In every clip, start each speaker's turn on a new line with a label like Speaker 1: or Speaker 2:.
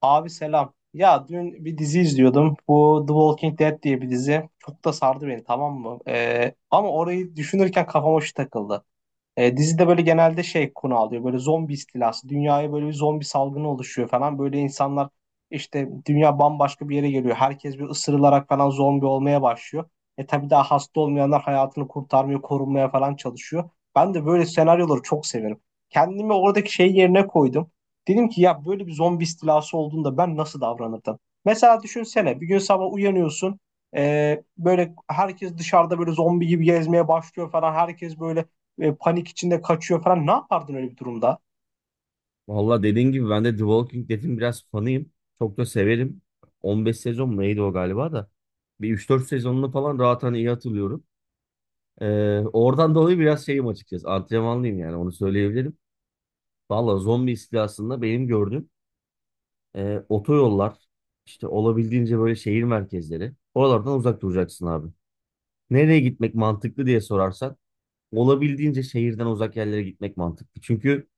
Speaker 1: Abi selam. Ya dün bir dizi izliyordum. Bu The Walking Dead diye bir dizi. Çok da sardı beni, tamam mı? Ama orayı düşünürken kafama şu takıldı. Dizide böyle genelde şey konu alıyor. Böyle zombi istilası. Dünyaya böyle bir zombi salgını oluşuyor falan. Böyle insanlar işte dünya bambaşka bir yere geliyor. Herkes bir ısırılarak falan zombi olmaya başlıyor. Tabii daha hasta olmayanlar hayatını kurtarmaya, korunmaya falan çalışıyor. Ben de böyle senaryoları çok severim. Kendimi oradaki şey yerine koydum. Dedim ki ya böyle bir zombi istilası olduğunda ben nasıl davranırdım? Mesela düşünsene bir gün sabah uyanıyorsun. Böyle herkes dışarıda böyle zombi gibi gezmeye başlıyor falan. Herkes böyle panik içinde kaçıyor falan. Ne yapardın öyle bir durumda?
Speaker 2: Valla dediğin gibi ben de The Walking Dead'in biraz fanıyım. Çok da severim. 15 sezon mu neydi o galiba da. Bir 3-4 sezonunu falan rahat hani iyi hatırlıyorum. Oradan dolayı biraz şeyim açıkçası. Antrenmanlıyım yani onu söyleyebilirim. Valla zombi istilasında benim gördüğüm otoyollar işte olabildiğince böyle şehir merkezleri. Oralardan uzak duracaksın abi. Nereye gitmek mantıklı diye sorarsan olabildiğince şehirden uzak yerlere gitmek mantıklı. Çünkü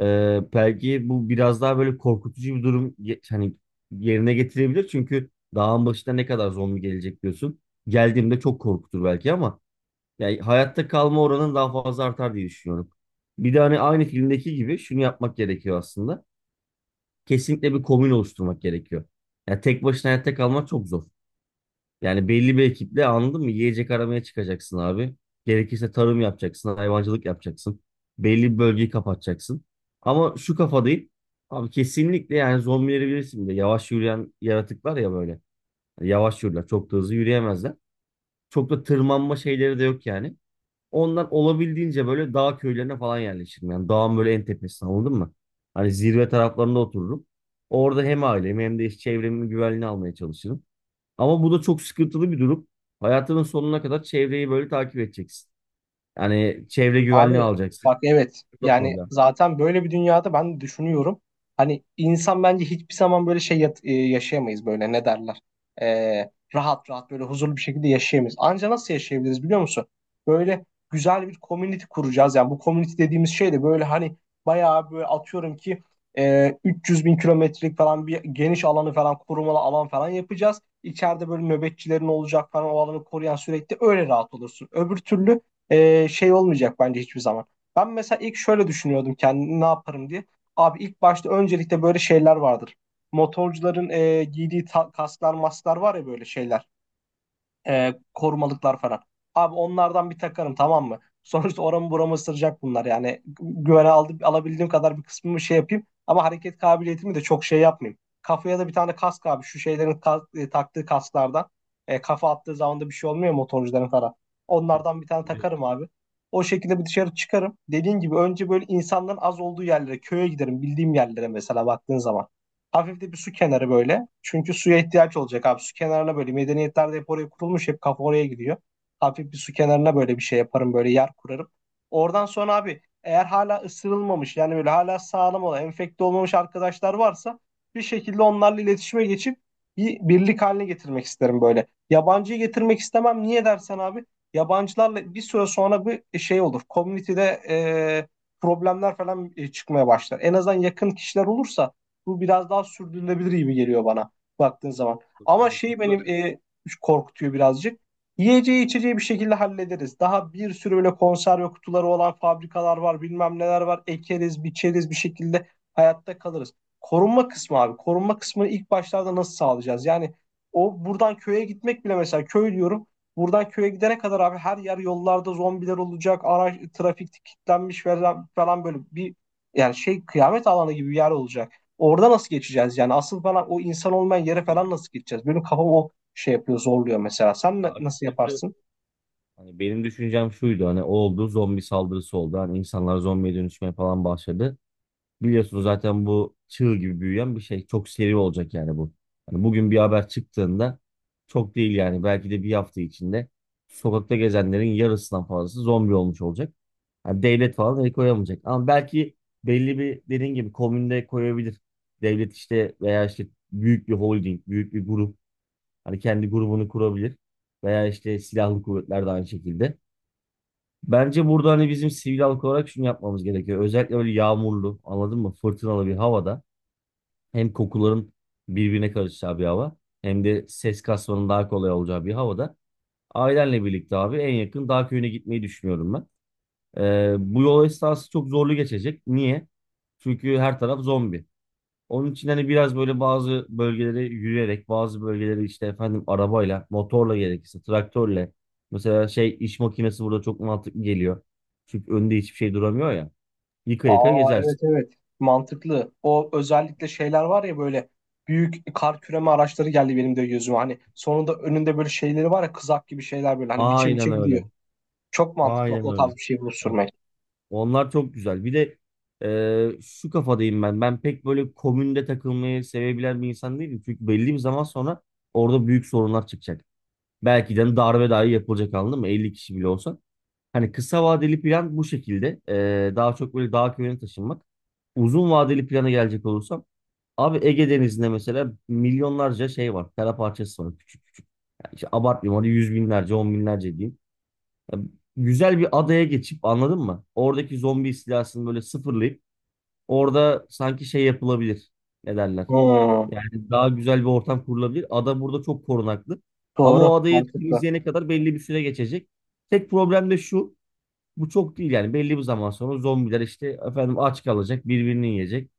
Speaker 2: Belki bu biraz daha böyle korkutucu bir durum hani yerine getirebilir. Çünkü dağın başına ne kadar zombi gelecek diyorsun. Geldiğimde çok korkutur belki ama yani hayatta kalma oranın daha fazla artar diye düşünüyorum. Bir de hani aynı filmdeki gibi şunu yapmak gerekiyor aslında. Kesinlikle bir komün oluşturmak gerekiyor. Yani tek başına hayatta kalmak çok zor. Yani belli bir ekiple anladın mı? Yiyecek aramaya çıkacaksın abi. Gerekirse tarım yapacaksın, hayvancılık yapacaksın. Belli bir bölgeyi kapatacaksın. Ama şu kafadayım. Abi kesinlikle yani zombileri bilirsin bir de yavaş yürüyen yaratıklar ya böyle. Yani yavaş yürürler. Çok da hızlı yürüyemezler. Çok da tırmanma şeyleri de yok yani. Ondan olabildiğince böyle dağ köylerine falan yerleşirim. Yani dağın böyle en tepesine anladın mı? Hani zirve taraflarında otururum. Orada hem ailemi hem de iş çevremin güvenliğini almaya çalışırım. Ama bu da çok sıkıntılı bir durum. Hayatının sonuna kadar çevreyi böyle takip edeceksin. Yani çevre güvenliği
Speaker 1: Abi
Speaker 2: alacaksın.
Speaker 1: bak, evet,
Speaker 2: Bu da
Speaker 1: yani
Speaker 2: problem.
Speaker 1: zaten böyle bir dünyada ben düşünüyorum. Hani insan bence hiçbir zaman böyle yaşayamayız, böyle ne derler. Rahat rahat böyle huzurlu bir şekilde yaşayamayız. Anca nasıl yaşayabiliriz biliyor musun? Böyle güzel bir community kuracağız. Yani bu community dediğimiz şey de böyle hani bayağı böyle, atıyorum ki, 300 bin kilometrelik falan bir geniş alanı falan korumalı alan falan yapacağız. İçeride böyle nöbetçilerin olacak falan, o alanı koruyan, sürekli öyle rahat olursun. Öbür türlü şey olmayacak bence hiçbir zaman. Ben mesela ilk şöyle düşünüyordum, kendimi ne yaparım diye. Abi ilk başta öncelikle böyle şeyler vardır. Motorcuların giydiği kasklar masklar var ya, böyle şeyler,
Speaker 2: Evet.
Speaker 1: korumalıklar falan. Abi onlardan bir takarım, tamam mı? Sonuçta oramı buramı ısıracak bunlar yani. Güvene aldım, alabildiğim kadar bir kısmımı şey yapayım. Ama hareket kabiliyetimi de çok şey yapmayayım. Kafaya da bir tane kask abi. Şu şeylerin, taktığı kasklardan. Kafa attığı zaman da bir şey olmuyor motorcuların falan. Onlardan bir tane
Speaker 2: Biliyorum.
Speaker 1: takarım abi. O şekilde bir dışarı çıkarım. Dediğin gibi önce böyle insanların az olduğu yerlere, köye giderim. Bildiğim yerlere, mesela, baktığın zaman. Hafif de bir su kenarı böyle. Çünkü suya ihtiyaç olacak abi. Su kenarına böyle, medeniyetlerde hep oraya kurulmuş. Hep kafa oraya gidiyor. Hafif bir su kenarına böyle bir şey yaparım. Böyle yer kurarım. Oradan sonra abi, eğer hala ısırılmamış, yani böyle hala sağlam olan, enfekte olmamış arkadaşlar varsa bir şekilde onlarla iletişime geçip bir birlik haline getirmek isterim böyle. Yabancıyı getirmek istemem. Niye dersen abi, yabancılarla bir süre sonra bir şey olur. Komünitede e, problemler falan çıkmaya başlar. En azından yakın kişiler olursa bu biraz daha sürdürülebilir gibi geliyor bana, baktığın zaman.
Speaker 2: Çok
Speaker 1: Ama şey
Speaker 2: mantıklı.
Speaker 1: benim, korkutuyor birazcık. Yiyeceği içeceği bir şekilde hallederiz. Daha bir sürü böyle konserve kutuları olan fabrikalar var, bilmem neler var. Ekeriz, biçeriz, bir şekilde hayatta kalırız. Korunma kısmı abi. Korunma kısmını ilk başlarda nasıl sağlayacağız? Yani o, buradan köye gitmek bile, mesela köy diyorum. Buradan köye gidene kadar abi, her yer, yollarda zombiler olacak. Araç trafik kilitlenmiş falan, falan, böyle bir yani şey kıyamet alanı gibi bir yer olacak. Orada nasıl geçeceğiz yani? Asıl bana o insan olmayan yere falan
Speaker 2: Benim
Speaker 1: nasıl geçeceğiz? Benim kafam o şey yapıyor, zorluyor mesela. Nasıl
Speaker 2: açıkçası
Speaker 1: yaparsın?
Speaker 2: hani benim düşüncem şuydu, hani o oldu, zombi saldırısı oldu. Hani insanlar zombiye dönüşmeye falan başladı. Biliyorsunuz zaten bu çığ gibi büyüyen bir şey. Çok seri olacak yani bu. Hani bugün bir haber çıktığında çok değil yani belki de bir hafta içinde sokakta gezenlerin yarısından fazlası zombi olmuş olacak. Yani devlet falan el koyamayacak. Ama belki belli bir dediğin gibi komünde koyabilir. Devlet işte veya işte büyük bir holding, büyük bir grup hani kendi grubunu kurabilir. Veya işte silahlı kuvvetler de aynı şekilde. Bence burada hani bizim sivil halk olarak şunu yapmamız gerekiyor. Özellikle böyle yağmurlu, anladın mı? Fırtınalı bir havada hem kokuların birbirine karışacağı bir hava hem de ses kasmanın daha kolay olacağı bir havada ailenle birlikte abi en yakın dağ köyüne gitmeyi düşünüyorum ben. Bu yol esnası çok zorlu geçecek. Niye? Çünkü her taraf zombi. Onun için hani biraz böyle bazı bölgelere yürüyerek, bazı bölgeleri işte efendim arabayla, motorla gerekirse, traktörle. Mesela şey iş makinesi burada çok mantıklı geliyor. Çünkü önünde hiçbir şey duramıyor ya. Yıka yıka
Speaker 1: Aa, evet,
Speaker 2: gezersin.
Speaker 1: evet. Mantıklı. O özellikle şeyler var ya böyle, büyük kar küreme araçları geldi benim de gözüme. Hani sonunda önünde böyle şeyleri var ya, kızak gibi şeyler böyle, hani biçe biçe
Speaker 2: Aynen
Speaker 1: gidiyor.
Speaker 2: öyle.
Speaker 1: Çok mantıklı
Speaker 2: Aynen
Speaker 1: o
Speaker 2: öyle.
Speaker 1: tarz bir şey bulup
Speaker 2: Evet.
Speaker 1: sürmek.
Speaker 2: Onlar çok güzel. Bir de şu kafadayım ben. Ben pek böyle komünde takılmayı sevebilen bir insan değilim. Çünkü belli bir zaman sonra orada büyük sorunlar çıkacak. Belki de hani darbe dahi yapılacak anladın mı? 50 kişi bile olsa. Hani kısa vadeli plan bu şekilde. Daha çok böyle dağ köyüne taşınmak. Uzun vadeli plana gelecek olursam abi Ege Denizi'nde mesela milyonlarca şey var. Kara parçası var küçük küçük. Yani işte abartmayayım hadi yüz binlerce, on binlerce diyeyim. Ya güzel bir adaya geçip anladın mı? Oradaki zombi istilasını böyle sıfırlayıp orada sanki şey yapılabilir. Ne derler?
Speaker 1: Hmm,
Speaker 2: Yani daha güzel bir ortam kurulabilir. Ada burada çok korunaklı. Ama
Speaker 1: doğru,
Speaker 2: o adayı
Speaker 1: mantıklı.
Speaker 2: temizleyene kadar belli bir süre geçecek. Tek problem de şu. Bu çok değil yani belli bir zaman sonra zombiler işte efendim aç kalacak, birbirini yiyecek.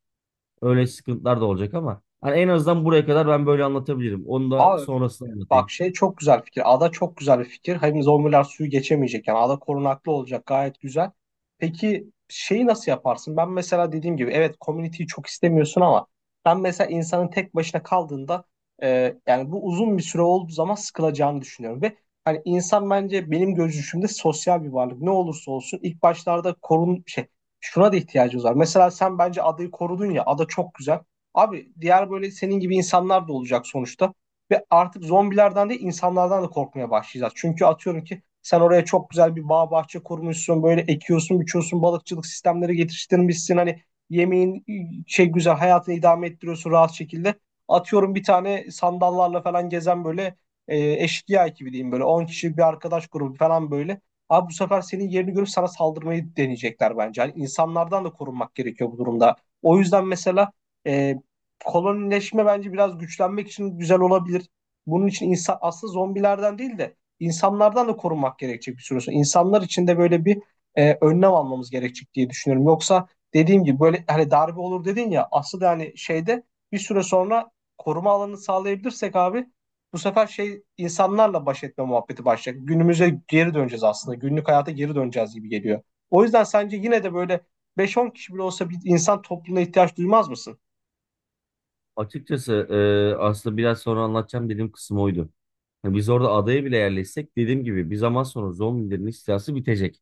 Speaker 2: Öyle sıkıntılar da olacak ama hani en azından buraya kadar ben böyle anlatabilirim. Onu da
Speaker 1: Aa,
Speaker 2: sonrasında
Speaker 1: bak,
Speaker 2: anlatayım.
Speaker 1: şey, çok güzel fikir. Ada çok güzel bir fikir. Hem zombiler suyu geçemeyecek. Yani ada korunaklı olacak. Gayet güzel. Peki şeyi nasıl yaparsın? Ben mesela dediğim gibi, evet, community'yi çok istemiyorsun ama ben mesela insanın tek başına kaldığında, yani bu uzun bir süre olduğu zaman sıkılacağını düşünüyorum. Ve hani insan, bence benim görüşümde, sosyal bir varlık. Ne olursa olsun ilk başlarda korun şey şuna da ihtiyacımız var. Mesela sen bence adayı korudun ya, ada çok güzel. Abi diğer böyle senin gibi insanlar da olacak sonuçta. Ve artık zombilerden değil, insanlardan da korkmaya başlayacağız. Çünkü atıyorum ki sen oraya çok güzel bir bağ bahçe kurmuşsun. Böyle ekiyorsun, biçiyorsun, balıkçılık sistemleri geliştirmişsin. Hani yemeğin, güzel, hayatını idame ettiriyorsun rahat şekilde. Atıyorum bir tane sandallarla falan gezen böyle eşkıya ekibi diyeyim, böyle 10 kişilik bir arkadaş grubu falan böyle. Abi bu sefer senin yerini görüp sana saldırmayı deneyecekler bence. Hani insanlardan da korunmak gerekiyor bu durumda. O yüzden mesela e, kolonileşme bence biraz güçlenmek için güzel olabilir. Bunun için insan aslında zombilerden değil de insanlardan da korunmak gerekecek bir süre sonra. İnsanlar için de böyle bir önlem almamız gerekecek diye düşünüyorum. Yoksa dediğim gibi, böyle hani darbe olur dedin ya, aslında hani şeyde, bir süre sonra koruma alanı sağlayabilirsek abi, bu sefer şey insanlarla baş etme muhabbeti başlayacak. Günümüze geri döneceğiz aslında. Günlük hayata geri döneceğiz gibi geliyor. O yüzden sence yine de böyle, beş on kişi bile olsa, bir insan topluluğuna ihtiyaç duymaz mısın?
Speaker 2: Açıkçası aslında biraz sonra anlatacağım dediğim kısım oydu. Biz orada adaya bile yerleşsek dediğim gibi bir zaman sonra zombilerin istilası bitecek.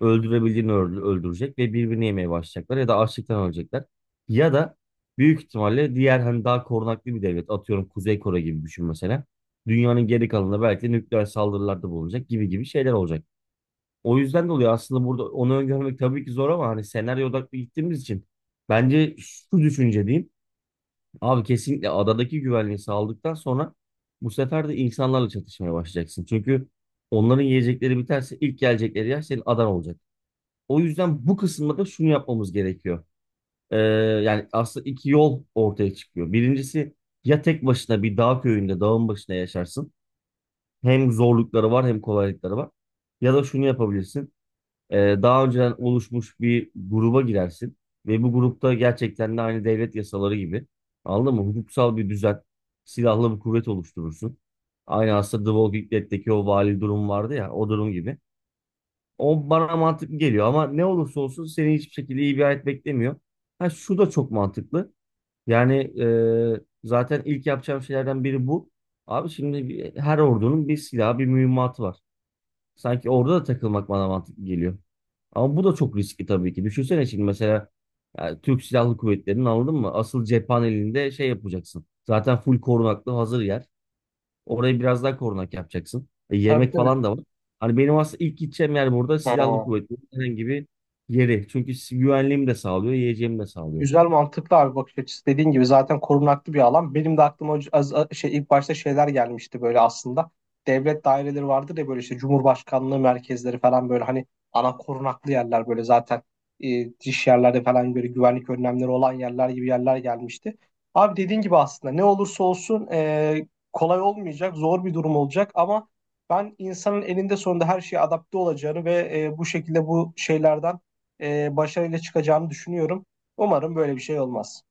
Speaker 2: Öldürebildiğini öldürecek ve birbirini yemeye başlayacaklar ya da açlıktan ölecekler. Ya da büyük ihtimalle diğer hani daha korunaklı bir devlet, atıyorum Kuzey Kore gibi düşün mesela. Dünyanın geri kalanında belki nükleer saldırılarda bulunacak gibi gibi şeyler olacak. O yüzden de oluyor aslında burada onu öngörmek tabii ki zor ama hani senaryo odaklı gittiğimiz için bence şu düşünce diyeyim. Abi kesinlikle adadaki güvenliği sağladıktan sonra bu sefer de insanlarla çatışmaya başlayacaksın. Çünkü onların yiyecekleri biterse ilk gelecekleri yer senin adan olacak. O yüzden bu kısımda da şunu yapmamız gerekiyor. Ee, Yani aslında iki yol ortaya çıkıyor. Birincisi ya tek başına bir dağ köyünde, dağın başına yaşarsın. Hem zorlukları var hem kolaylıkları var. Ya da şunu yapabilirsin. Daha önceden oluşmuş bir gruba girersin. Ve bu grupta gerçekten de aynı devlet yasaları gibi. Anladın mı? Hukuksal bir düzen, silahlı bir kuvvet oluşturursun. Aynı aslında The Walking Dead'deki o vali durum vardı ya, o durum gibi. O bana mantıklı geliyor ama ne olursa olsun seni hiçbir şekilde iyi bir hayat beklemiyor. Ha şu da çok mantıklı. Yani zaten ilk yapacağım şeylerden biri bu. Abi şimdi her ordunun bir silahı, bir mühimmatı var. Sanki orada da takılmak bana mantıklı geliyor. Ama bu da çok riskli tabii ki. Düşünsene şimdi mesela yani Türk Silahlı Kuvvetleri'nin anladın mı? Asıl cephanelinde şey yapacaksın. Zaten full korunaklı hazır yer. Orayı biraz daha korunak yapacaksın. E,
Speaker 1: Tabii,
Speaker 2: yemek
Speaker 1: tabii.
Speaker 2: falan da var. Hani benim aslında ilk gideceğim yer burada silahlı
Speaker 1: Ha.
Speaker 2: kuvvetlerin herhangi bir yeri. Çünkü güvenliğimi de sağlıyor, yiyeceğimi de sağlıyor.
Speaker 1: Güzel, mantıklı abi bakış açısı. Dediğin gibi zaten korunaklı bir alan. Benim de aklıma ilk başta şeyler gelmişti böyle aslında. Devlet daireleri vardır ya böyle, işte Cumhurbaşkanlığı merkezleri falan, böyle hani ana korunaklı yerler böyle zaten, dış yerlerde falan böyle güvenlik önlemleri olan yerler, gibi yerler gelmişti. Abi dediğin gibi, aslında ne olursa olsun kolay olmayacak, zor bir durum olacak ama ben insanın elinde sonunda her şeye adapte olacağını ve bu şekilde bu şeylerden başarıyla çıkacağını düşünüyorum. Umarım böyle bir şey olmaz.